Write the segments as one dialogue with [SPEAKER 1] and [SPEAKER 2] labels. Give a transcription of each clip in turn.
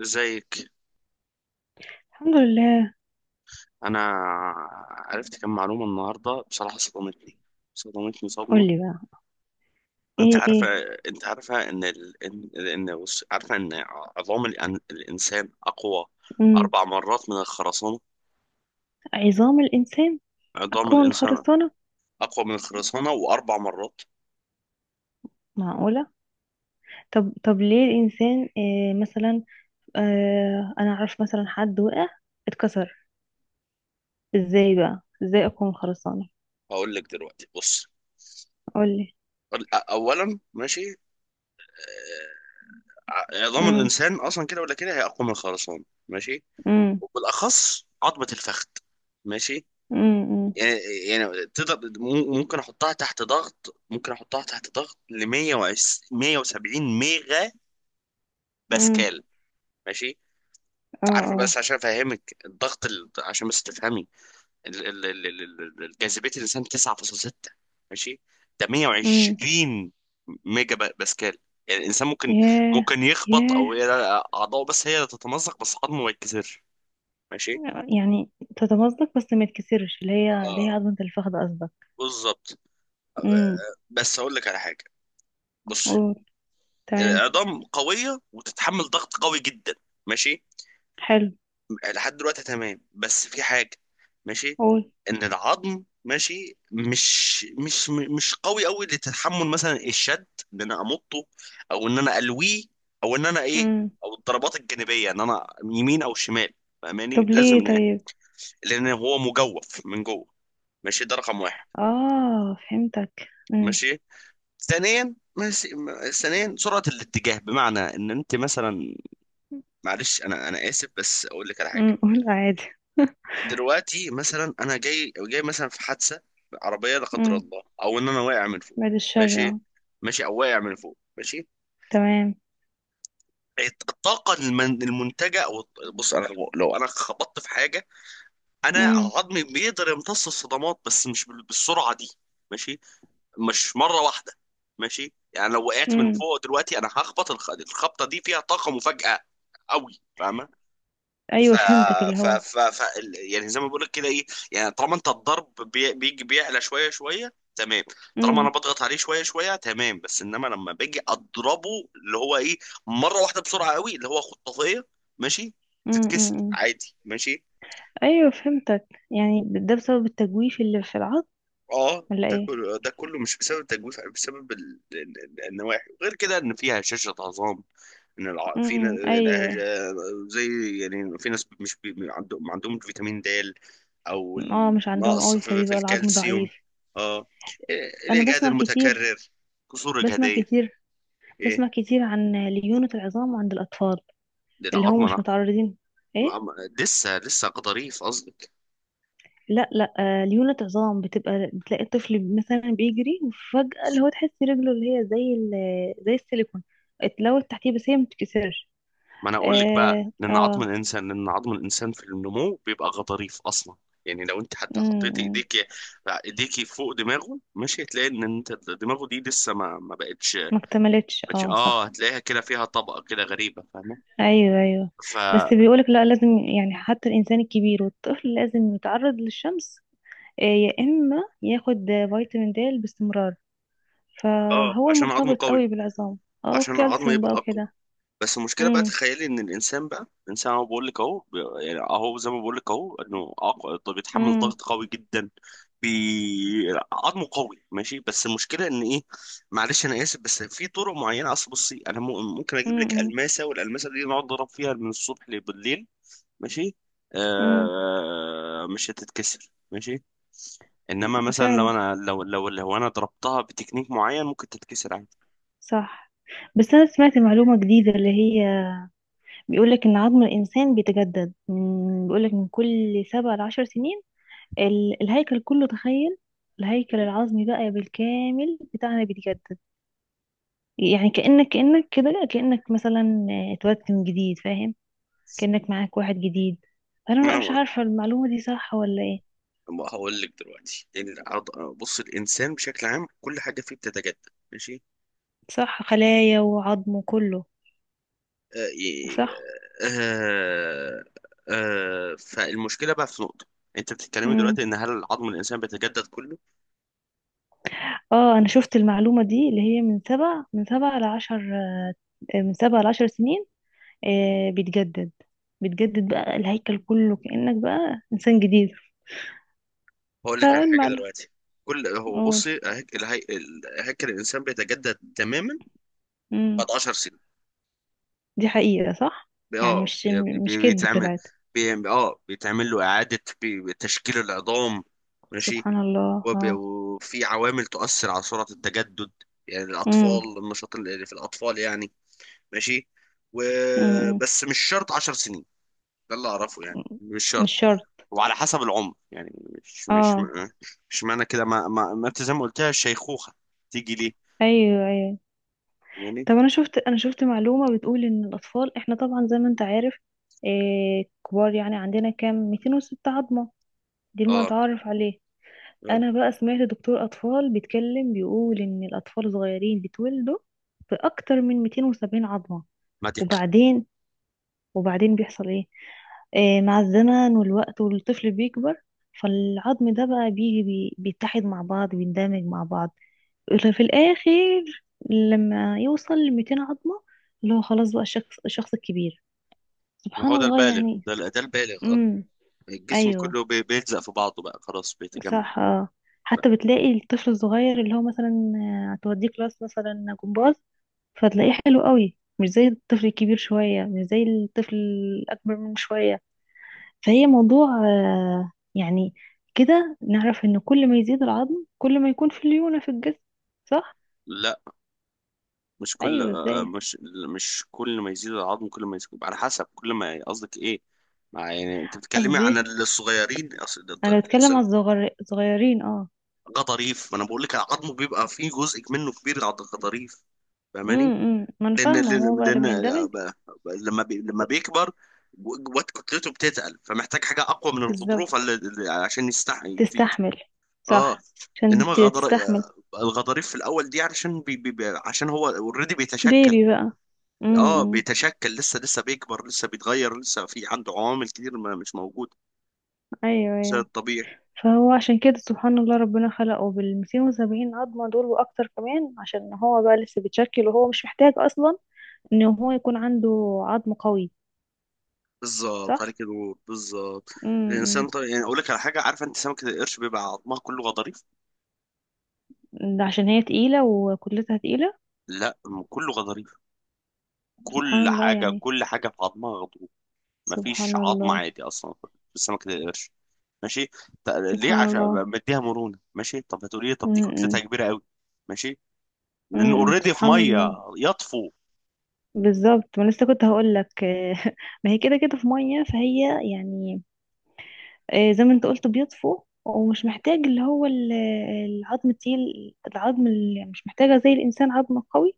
[SPEAKER 1] ازيك؟
[SPEAKER 2] الحمد لله.
[SPEAKER 1] انا عرفت كم معلومه النهارده. بصراحه صدمتني صدمه.
[SPEAKER 2] قولي بقى.
[SPEAKER 1] انت
[SPEAKER 2] ايه
[SPEAKER 1] عارفه
[SPEAKER 2] ايه
[SPEAKER 1] انت عارفه ان ال... ان ان بص، عارفه ان عظام الانسان اقوى
[SPEAKER 2] مم.
[SPEAKER 1] 4 مرات من الخرسانه.
[SPEAKER 2] عظام الانسان
[SPEAKER 1] عظام
[SPEAKER 2] اكون
[SPEAKER 1] الانسان
[SPEAKER 2] خرسانه؟
[SPEAKER 1] اقوى من الخرسانه واربع مرات.
[SPEAKER 2] معقوله. طب ليه الانسان، إيه مثلا؟ آه، انا اعرف مثلا حد وقع، اتكسر. ازاي بقى؟ ازاي اكون خرسانه؟
[SPEAKER 1] هقول لك دلوقتي. بص،
[SPEAKER 2] قولي.
[SPEAKER 1] اولا، ماشي. عظام
[SPEAKER 2] امم
[SPEAKER 1] الانسان اصلا كده ولا كده هي اقوى من الخرسانه، ماشي.
[SPEAKER 2] امم
[SPEAKER 1] وبالاخص عظمه الفخذ، ماشي.
[SPEAKER 2] امم
[SPEAKER 1] يعني يعني تقدر ممكن احطها تحت ضغط، ل 170 ميجا
[SPEAKER 2] امم
[SPEAKER 1] باسكال. ماشي؟
[SPEAKER 2] اه
[SPEAKER 1] انت عارف،
[SPEAKER 2] اه
[SPEAKER 1] بس عشان افهمك الضغط. عشان بس تفهمي جاذبيه الانسان 9.6، ماشي. ده
[SPEAKER 2] امم.
[SPEAKER 1] 120 ميجا باسكال. يعني الانسان ممكن،
[SPEAKER 2] ياه
[SPEAKER 1] ممكن يخبط
[SPEAKER 2] ياه
[SPEAKER 1] او ي- اعضائه بس هي اللي تتمزق، بس عظمه ما يتكسرش، ماشي.
[SPEAKER 2] يعني تتمزق بس ما يتكسرش، اللي هي
[SPEAKER 1] آه،
[SPEAKER 2] عظمه الفخذ قصدك؟
[SPEAKER 1] بالظبط.
[SPEAKER 2] امم.
[SPEAKER 1] بس هقول لك على حاجه، بص.
[SPEAKER 2] قول. تمام.
[SPEAKER 1] عظام قوية وتتحمل ضغط قوي جدا، ماشي.
[SPEAKER 2] حلو.
[SPEAKER 1] لحد دلوقتي تمام، بس في حاجة، ماشي.
[SPEAKER 2] قول.
[SPEAKER 1] ان العظم، ماشي، مش قوي قوي لتحمل مثلا الشد، ان انا امطه، او ان انا الويه، او ان انا ايه،
[SPEAKER 2] امم.
[SPEAKER 1] او الضربات الجانبية، ان انا يمين او شمال. فاهماني؟
[SPEAKER 2] طب
[SPEAKER 1] لازم
[SPEAKER 2] ليه طيب؟
[SPEAKER 1] لان هو مجوف من جوه، ماشي. ده رقم واحد.
[SPEAKER 2] اه، فهمتك. امم
[SPEAKER 1] ماشي. ثانيا، ماشي. ثانيا سرعة الاتجاه، بمعنى ان انت مثلا، معلش انا اسف، بس اقول لك على حاجه.
[SPEAKER 2] امم قول عادي.
[SPEAKER 1] دلوقتي مثلا انا جاي مثلا في حادثه عربيه، لا قدر
[SPEAKER 2] امم.
[SPEAKER 1] الله، او ان انا واقع من فوق،
[SPEAKER 2] بعد الشر،
[SPEAKER 1] ماشي.
[SPEAKER 2] اه.
[SPEAKER 1] ماشي، او واقع من فوق، ماشي.
[SPEAKER 2] تمام.
[SPEAKER 1] الطاقه المنتجه، او بص، انا لو انا خبطت في حاجه، انا
[SPEAKER 2] امم
[SPEAKER 1] عظمي بيقدر يمتص الصدمات، بس مش بالسرعه دي، ماشي. مش مره واحده، ماشي. يعني لو وقعت من
[SPEAKER 2] امم
[SPEAKER 1] فوق دلوقتي انا هخبط، الخبطه دي فيها طاقه مفاجاه قوي، فاهمه؟ ف...
[SPEAKER 2] ايوه، فهمتك اللي
[SPEAKER 1] ف...
[SPEAKER 2] هو.
[SPEAKER 1] ف... ف يعني زي ما بقول لك كده، ايه؟ يعني طالما انت الضرب بيجي بيعلى شويه شويه، تمام. طالما انا
[SPEAKER 2] امم
[SPEAKER 1] بضغط عليه شويه شويه تمام، بس انما لما باجي اضربه اللي هو ايه، مره واحده بسرعه قوي اللي هو خطافيه، ماشي،
[SPEAKER 2] امم
[SPEAKER 1] تتكسر
[SPEAKER 2] إمم.
[SPEAKER 1] عادي، ماشي.
[SPEAKER 2] ايوه، فهمتك. يعني ده بسبب التجويف اللي في العظم
[SPEAKER 1] اه،
[SPEAKER 2] ولا
[SPEAKER 1] ده
[SPEAKER 2] ايه؟
[SPEAKER 1] كله ده كله مش بسبب التجويف، بسبب النواحي. غير كده ان فيها هشاشة عظام، ان الع... في ن-
[SPEAKER 2] امم. ايوه.
[SPEAKER 1] الهجا- زي يعني في ناس مش بي... ما عندهمش فيتامين د، او
[SPEAKER 2] اه، مش عندهم
[SPEAKER 1] النقص
[SPEAKER 2] قوي،
[SPEAKER 1] في
[SPEAKER 2] فبيبقى العظم
[SPEAKER 1] الكالسيوم.
[SPEAKER 2] ضعيف.
[SPEAKER 1] اه، إيه،
[SPEAKER 2] انا
[SPEAKER 1] الاجهاد
[SPEAKER 2] بسمع كتير،
[SPEAKER 1] المتكرر، كسور
[SPEAKER 2] بسمع
[SPEAKER 1] اجهاديه،
[SPEAKER 2] كتير
[SPEAKER 1] ايه.
[SPEAKER 2] بسمع كتير عن ليونة العظام عند الاطفال،
[SPEAKER 1] ده
[SPEAKER 2] اللي هم
[SPEAKER 1] العظمه،
[SPEAKER 2] مش متعرضين. ايه.
[SPEAKER 1] لسه ظريف، قصدي.
[SPEAKER 2] لا لا. ليونة عظام، بتبقى بتلاقي الطفل مثلا بيجري وفجأة اللي هو تحس رجله اللي هي زي ال... زي السيليكون، اتلوت تحتيه بس هي ما بتتكسرش.
[SPEAKER 1] ما انا اقول لك بقى،
[SPEAKER 2] اه اه
[SPEAKER 1] لان عظم الانسان في النمو بيبقى غضاريف اصلا. يعني لو انت حتى حطيت
[SPEAKER 2] أمم،
[SPEAKER 1] ايديكي فوق دماغه، مش هتلاقي ان انت دماغه دي لسه ما بقتش.
[SPEAKER 2] ما اكتملتش، اه
[SPEAKER 1] اه
[SPEAKER 2] صح.
[SPEAKER 1] هتلاقيها كده فيها طبقه كده غريبه، فاهمه؟
[SPEAKER 2] ايوه.
[SPEAKER 1] ف اه
[SPEAKER 2] بس بيقولك لا، لازم يعني حتى الانسان الكبير والطفل لازم يتعرض للشمس، يا اما ياخد فيتامين د باستمرار، فهو
[SPEAKER 1] عشان عظمه
[SPEAKER 2] المرتبط
[SPEAKER 1] قوي،
[SPEAKER 2] قوي بالعظام. اه،
[SPEAKER 1] عشان العظم
[SPEAKER 2] والكالسيوم بقى
[SPEAKER 1] يبقى.
[SPEAKER 2] وكده.
[SPEAKER 1] بس المشكله بقى،
[SPEAKER 2] امم
[SPEAKER 1] تخيلي ان الانسان بقى، الانسان اهو بقول لك اهو بي- يعني اهو زي ما بقول لك اهو، طب بيتحمل
[SPEAKER 2] امم
[SPEAKER 1] ضغط قوي جدا. بي... عظمه قوي ماشي، بس المشكله ان ايه، معلش انا اسف، بس في طرق معينه. اصل بصي، انا ممكن اجيب لك
[SPEAKER 2] امم
[SPEAKER 1] الماسه، والالماسه دي نقعد نضرب فيها من الصبح لبالليل، ماشي.
[SPEAKER 2] أمم.
[SPEAKER 1] مش هتتكسر، ماشي. انما مثلا لو
[SPEAKER 2] فعلا.
[SPEAKER 1] انا، لو لو لو انا ضربتها بتكنيك معين، ممكن تتكسر عادي.
[SPEAKER 2] صح. بس أنا سمعت معلومة جديدة اللي هي، بيقولك إن عظم الإنسان بيتجدد بيقولك من كل 7 ل10 سنين. الهيكل كله، تخيل. الهيكل العظمي بقى بالكامل بتاعنا بيتجدد، يعني كأنك كده، كأنك مثلا اتولدت من جديد، فاهم؟ كأنك معاك واحد جديد.
[SPEAKER 1] ما
[SPEAKER 2] أنا
[SPEAKER 1] انا
[SPEAKER 2] مش عارفة المعلومة دي صح ولا إيه.
[SPEAKER 1] ما هقول لك دلوقتي، بص، الانسان بشكل عام كل حاجه فيه بتتجدد، ماشي.
[SPEAKER 2] صح، خلايا وعظم وكله.
[SPEAKER 1] آه ي-
[SPEAKER 2] صح.
[SPEAKER 1] آه آه، فالمشكله بقى في نقطه، انت بتتكلمي
[SPEAKER 2] مم.
[SPEAKER 1] دلوقتي ان هل عظم الانسان بيتجدد كله.
[SPEAKER 2] اه، انا شفت المعلومة دي، اللي هي من سبع من سبع لعشر، من سبع لعشر سنين. آه، بيتجدد. بيتجدد بقى الهيكل كله، كأنك بقى إنسان جديد.
[SPEAKER 1] هقول لك على حاجه
[SPEAKER 2] فالمعلم.
[SPEAKER 1] دلوقتي. كل هو،
[SPEAKER 2] قول.
[SPEAKER 1] بصي، هيكل الانسان بيتجدد تماما
[SPEAKER 2] امم.
[SPEAKER 1] بعد 10 سنين.
[SPEAKER 2] دي حقيقة صح؟
[SPEAKER 1] بي-
[SPEAKER 2] يعني
[SPEAKER 1] اه
[SPEAKER 2] مش
[SPEAKER 1] بي-
[SPEAKER 2] مش
[SPEAKER 1] بي-
[SPEAKER 2] كدب
[SPEAKER 1] بيتعمل
[SPEAKER 2] طلعت.
[SPEAKER 1] بيتعمل له اعاده تشكيل العظام، ماشي.
[SPEAKER 2] سبحان الله. اه.
[SPEAKER 1] وفي عوامل تؤثر على سرعة التجدد. يعني
[SPEAKER 2] امم
[SPEAKER 1] الأطفال، النشاط اللي في الأطفال يعني، ماشي.
[SPEAKER 2] امم
[SPEAKER 1] وبس مش شرط 10 سنين، ده اللي أعرفه، يعني مش
[SPEAKER 2] مش
[SPEAKER 1] شرط.
[SPEAKER 2] شرط.
[SPEAKER 1] وعلى حسب العمر يعني، مش مش
[SPEAKER 2] اه.
[SPEAKER 1] مش معنى كده، ما ما ما انت زي ما قلتها الشيخوخة تيجي ليه،
[SPEAKER 2] ايوه.
[SPEAKER 1] يعني.
[SPEAKER 2] طب انا شفت، معلومة بتقول ان الاطفال، احنا طبعا زي ما انت عارف، آه، كبار يعني عندنا كام، 206 عظمة؟ دي
[SPEAKER 1] اه،
[SPEAKER 2] المتعارف عليه.
[SPEAKER 1] آه.
[SPEAKER 2] انا بقى سمعت دكتور اطفال بيتكلم، بيقول ان الاطفال صغيرين بيتولدوا باكتر من 270 عظمة،
[SPEAKER 1] ما دي،
[SPEAKER 2] وبعدين، بيحصل ايه؟ آه، مع الزمن والوقت والطفل بيكبر، فالعظم ده بقى بيجي بيتحد مع بعض، بيندمج مع بعض، في الاخر لما يوصل ل 200 عظمة، اللي هو خلاص بقى الشخص، الكبير.
[SPEAKER 1] ما
[SPEAKER 2] سبحان
[SPEAKER 1] هو ده
[SPEAKER 2] الله
[SPEAKER 1] البالغ،
[SPEAKER 2] يعني.
[SPEAKER 1] ده البالغ، اه.
[SPEAKER 2] امم.
[SPEAKER 1] الجسم
[SPEAKER 2] ايوه.
[SPEAKER 1] كله بيلزق في بعضه، بقى خلاص بيتجمع
[SPEAKER 2] صح. اه.
[SPEAKER 1] بقى.
[SPEAKER 2] حتى بتلاقي الطفل الصغير، اللي هو مثلا، هتوديه كلاس مثلا جمباز، فتلاقيه حلو قوي، مش زي الطفل الكبير شوية، مش زي الطفل الأكبر منه شوية. فهي موضوع، يعني كده نعرف إن كل ما يزيد العظم كل ما يكون في ليونة في الجسم، صح؟
[SPEAKER 1] لا، مش كل
[SPEAKER 2] أيوه،
[SPEAKER 1] آه،
[SPEAKER 2] ازاي؟
[SPEAKER 1] مش مش كل ما يزيد العظم كل ما يزيد، على حسب كل ما قصدك ايه. مع يعني انت بتتكلمي عن
[SPEAKER 2] قصدي
[SPEAKER 1] الصغيرين. أصل
[SPEAKER 2] أنا بتكلم
[SPEAKER 1] الانسان
[SPEAKER 2] على الصغيرين، اه.
[SPEAKER 1] غضاريف. ما انا بقول لك عظمه بيبقى فيه جزء منه كبير غضاريف، فاهماني؟
[SPEAKER 2] إمم. ما أنا
[SPEAKER 1] لان
[SPEAKER 2] فاهمة، هو
[SPEAKER 1] لان
[SPEAKER 2] بقى
[SPEAKER 1] لان
[SPEAKER 2] لما يندمج.
[SPEAKER 1] لما لما بيكبر، جوات كتلته بتتقل، فمحتاج حاجه اقوى من الغضروف
[SPEAKER 2] بالظبط.
[SPEAKER 1] عشان يستحي،
[SPEAKER 2] تستحمل.
[SPEAKER 1] اه.
[SPEAKER 2] صح. عشان
[SPEAKER 1] انما غضر
[SPEAKER 2] تستحمل.
[SPEAKER 1] آه، الغضاريف في الاول دي علشان عشان هو اوريدي بيتشكل،
[SPEAKER 2] بيبي بقى.
[SPEAKER 1] اه،
[SPEAKER 2] امم.
[SPEAKER 1] بيتشكل، لسه لسه بيكبر، لسه بيتغير، لسه في عنده عوامل كتير ما مش موجوده
[SPEAKER 2] ايوه
[SPEAKER 1] زي
[SPEAKER 2] ايوه
[SPEAKER 1] الطبيعي.
[SPEAKER 2] فهو عشان كده، سبحان الله، ربنا خلقه بال 270 عظمة دول وأكتر كمان، عشان هو بقى لسه بيتشكل وهو مش محتاج أصلا إن هو يكون عنده عظم قوي،
[SPEAKER 1] بالظبط،
[SPEAKER 2] صح؟
[SPEAKER 1] عليك نور، بالظبط. الانسان
[SPEAKER 2] امم.
[SPEAKER 1] طبيعي، يعني اقول لك على حاجه، عارفه انت سمكه القرش بيبقى عظمها كله غضاريف.
[SPEAKER 2] ده عشان هي تقيلة وكتلتها تقيلة؟
[SPEAKER 1] لا، كله غضاريف،
[SPEAKER 2] سبحان
[SPEAKER 1] كل
[SPEAKER 2] الله
[SPEAKER 1] حاجه
[SPEAKER 2] يعني.
[SPEAKER 1] كل حاجه في عظمها غضروف. مفيش
[SPEAKER 2] سبحان
[SPEAKER 1] عظم
[SPEAKER 2] الله.
[SPEAKER 1] عادي اصلا في سمكه القرش، ماشي. ط- ليه؟
[SPEAKER 2] سبحان
[SPEAKER 1] عشان
[SPEAKER 2] الله.
[SPEAKER 1] مديها مرونه، ماشي. طب هتقولي لي طب دي كتلتها
[SPEAKER 2] امم
[SPEAKER 1] كبيره قوي، ماشي. لانه
[SPEAKER 2] امم
[SPEAKER 1] اوريدي في
[SPEAKER 2] سبحان
[SPEAKER 1] ميه،
[SPEAKER 2] الله.
[SPEAKER 1] يطفو.
[SPEAKER 2] بالظبط، ما لسه كنت هقول لك. ما هي كده كده في مية، فهي يعني، زي ما انت قلت بيطفو ومش محتاج اللي هو ال... العظم التقيل، العظم اللي مش محتاجة زي الإنسان عظم قوي،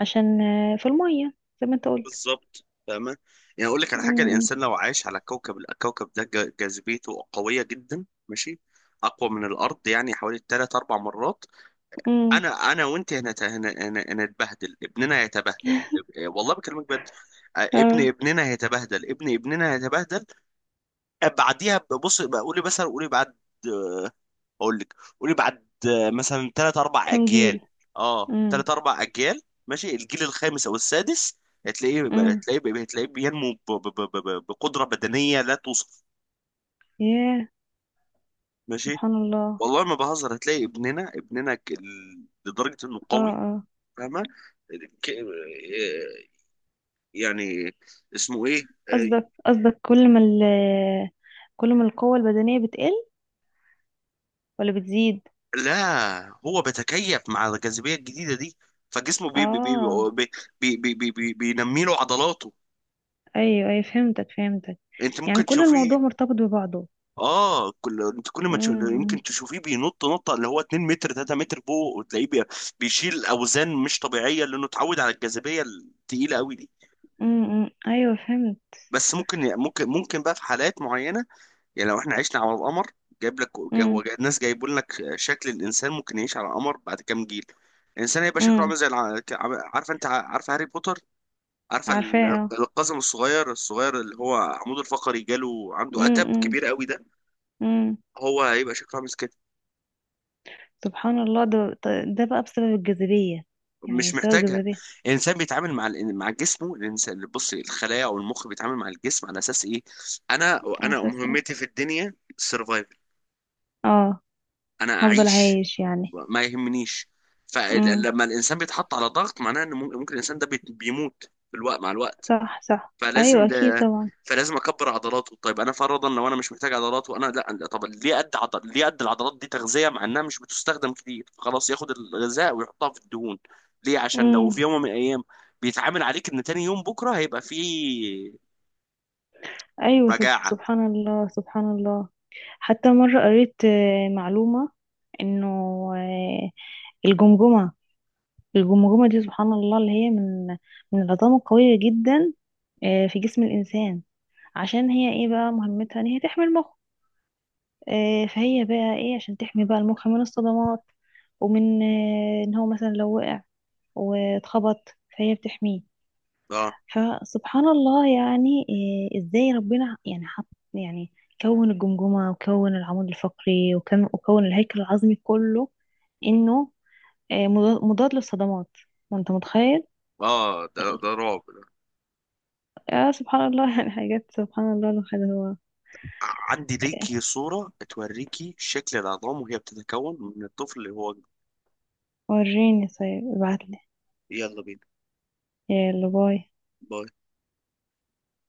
[SPEAKER 2] عشان في المية، زي ما انت قلت.
[SPEAKER 1] بالظبط، فاهمة؟ يعني أقول لك على حاجة،
[SPEAKER 2] امم
[SPEAKER 1] الإنسان لو عايش على كوكب، الكوكب ده جاذبيته قوية جدا، ماشي، أقوى من الأرض يعني حوالي تلات أربع مرات.
[SPEAKER 2] امم
[SPEAKER 1] أنا وأنت هنا، هنتبهدل، ابننا هيتبهدل. إيه، والله بكلمك بجد. آه، ابن
[SPEAKER 2] اه.
[SPEAKER 1] ابننا هيتبهدل، ابن ابننا هيتبهدل. آه، بعديها، بص بقولي مثلا قولي بعد بقول لك قولي بعد آه، مثلا ثلاث اربع
[SPEAKER 2] كام
[SPEAKER 1] اجيال
[SPEAKER 2] جيل؟
[SPEAKER 1] اه،
[SPEAKER 2] امم
[SPEAKER 1] 3 4 اجيال، ماشي. الجيل الخامس او السادس هتلاقيه
[SPEAKER 2] امم
[SPEAKER 1] هتلاقيه بينمو بقدره بدنيه لا توصف،
[SPEAKER 2] ياه.
[SPEAKER 1] ماشي.
[SPEAKER 2] سبحان الله.
[SPEAKER 1] والله ما بهزر، هتلاقي ابننا لدرجه انه
[SPEAKER 2] اه
[SPEAKER 1] قوي،
[SPEAKER 2] اه
[SPEAKER 1] فاهمه؟ ك- آه، يعني اسمه ايه آه،
[SPEAKER 2] قصدك كل ما ال... كل ما القوة البدنية بتقل ولا بتزيد؟
[SPEAKER 1] لا، هو بيتكيف مع الجاذبيه الجديده دي، فجسمه بي بي بي
[SPEAKER 2] اه.
[SPEAKER 1] بي بي بي بي بي بينمي له عضلاته.
[SPEAKER 2] ايوه، فهمتك.
[SPEAKER 1] انت
[SPEAKER 2] يعني
[SPEAKER 1] ممكن
[SPEAKER 2] كل
[SPEAKER 1] تشوفيه،
[SPEAKER 2] الموضوع مرتبط ببعضه.
[SPEAKER 1] اه. كل ما تشوف،
[SPEAKER 2] امم
[SPEAKER 1] يمكن تشوفيه بينط نطه اللي هو 2 متر 3 متر فوق، وتلاقيه بيشيل اوزان مش طبيعيه، لانه اتعود على الجاذبيه التقيله قوي دي.
[SPEAKER 2] امم أمم، ايوه فهمت.
[SPEAKER 1] بس ممكن بقى في حالات معينه. يعني لو احنا عشنا على القمر، جايب لك جا- هو جا- الناس جايبوا لك شكل الانسان ممكن يعيش على القمر بعد كام جيل. الانسان هيبقى شكله
[SPEAKER 2] امم.
[SPEAKER 1] عامل زي عارفه انت، عارفه هاري بوتر؟ عارفه
[SPEAKER 2] عارفاه، اه.
[SPEAKER 1] القزم الصغير الصغير اللي هو عمود الفقري جاله عنده قتب
[SPEAKER 2] امم
[SPEAKER 1] كبير قوي ده،
[SPEAKER 2] امم
[SPEAKER 1] هو هيبقى شكله عامل.
[SPEAKER 2] سبحان الله. ده، ده بقى بسبب الجاذبية؟ يعني
[SPEAKER 1] مش
[SPEAKER 2] بسبب
[SPEAKER 1] محتاجها.
[SPEAKER 2] الجاذبية.
[SPEAKER 1] الانسان بيتعامل مع مع جسمه. الانسان، بص، الخلايا او المخ بيتعامل مع الجسم على اساس ايه، انا
[SPEAKER 2] أساسي.
[SPEAKER 1] مهمتي في الدنيا السرفايفل،
[SPEAKER 2] اه.
[SPEAKER 1] انا
[SPEAKER 2] هفضل
[SPEAKER 1] اعيش.
[SPEAKER 2] عايش يعني.
[SPEAKER 1] ما يهمنيش.
[SPEAKER 2] امم.
[SPEAKER 1] فلما الانسان بيتحط على ضغط، معناه ان ممكن، الانسان ده بيموت في الوقت مع الوقت.
[SPEAKER 2] صح، صح، أيوة،
[SPEAKER 1] فلازم
[SPEAKER 2] أكيد
[SPEAKER 1] ده،
[SPEAKER 2] طبعا.
[SPEAKER 1] فلازم اكبر عضلاته. طيب انا فرضا لو انا مش محتاج عضلات، وانا لا لا، طب ليه قد عضل، ليه قد العضلات دي تغذيه مع انها مش بتستخدم كتير، خلاص ياخد الغذاء ويحطها في الدهون. ليه؟ عشان لو
[SPEAKER 2] امم.
[SPEAKER 1] في يوم من الايام بيتعامل عليك ان تاني يوم بكره هيبقى فيه
[SPEAKER 2] أيوة.
[SPEAKER 1] مجاعه.
[SPEAKER 2] سبحان الله. سبحان الله. حتى مرة قريت معلومة، إنه، آه، الجمجمة، الجمجمة دي سبحان الله اللي هي من العظام القوية جدا في جسم الإنسان، عشان هي ايه بقى مهمتها، ان هي تحمي المخ. فهي بقى ايه عشان تحمي بقى المخ من الصدمات، ومن ان هو مثلا لو وقع واتخبط، فهي بتحميه.
[SPEAKER 1] اه،
[SPEAKER 2] فسبحان الله يعني، ازاي ربنا يعني حط يعني، كون الجمجمة وكون العمود الفقري وكون الهيكل العظمي كله انه مضاد، للصدمات، وانت متخيل.
[SPEAKER 1] اه، ده رعب ده.
[SPEAKER 2] آه، سبحان الله. يعني حاجات سبحان الله، الواحد هو،
[SPEAKER 1] عندي
[SPEAKER 2] آه،
[SPEAKER 1] ليكي صوره توريكي شكل العظام وهي بتتكون من الطفل اللي هو،
[SPEAKER 2] وريني طيب ابعتلي.
[SPEAKER 1] يلا بينا.
[SPEAKER 2] يلا، باي.
[SPEAKER 1] باي.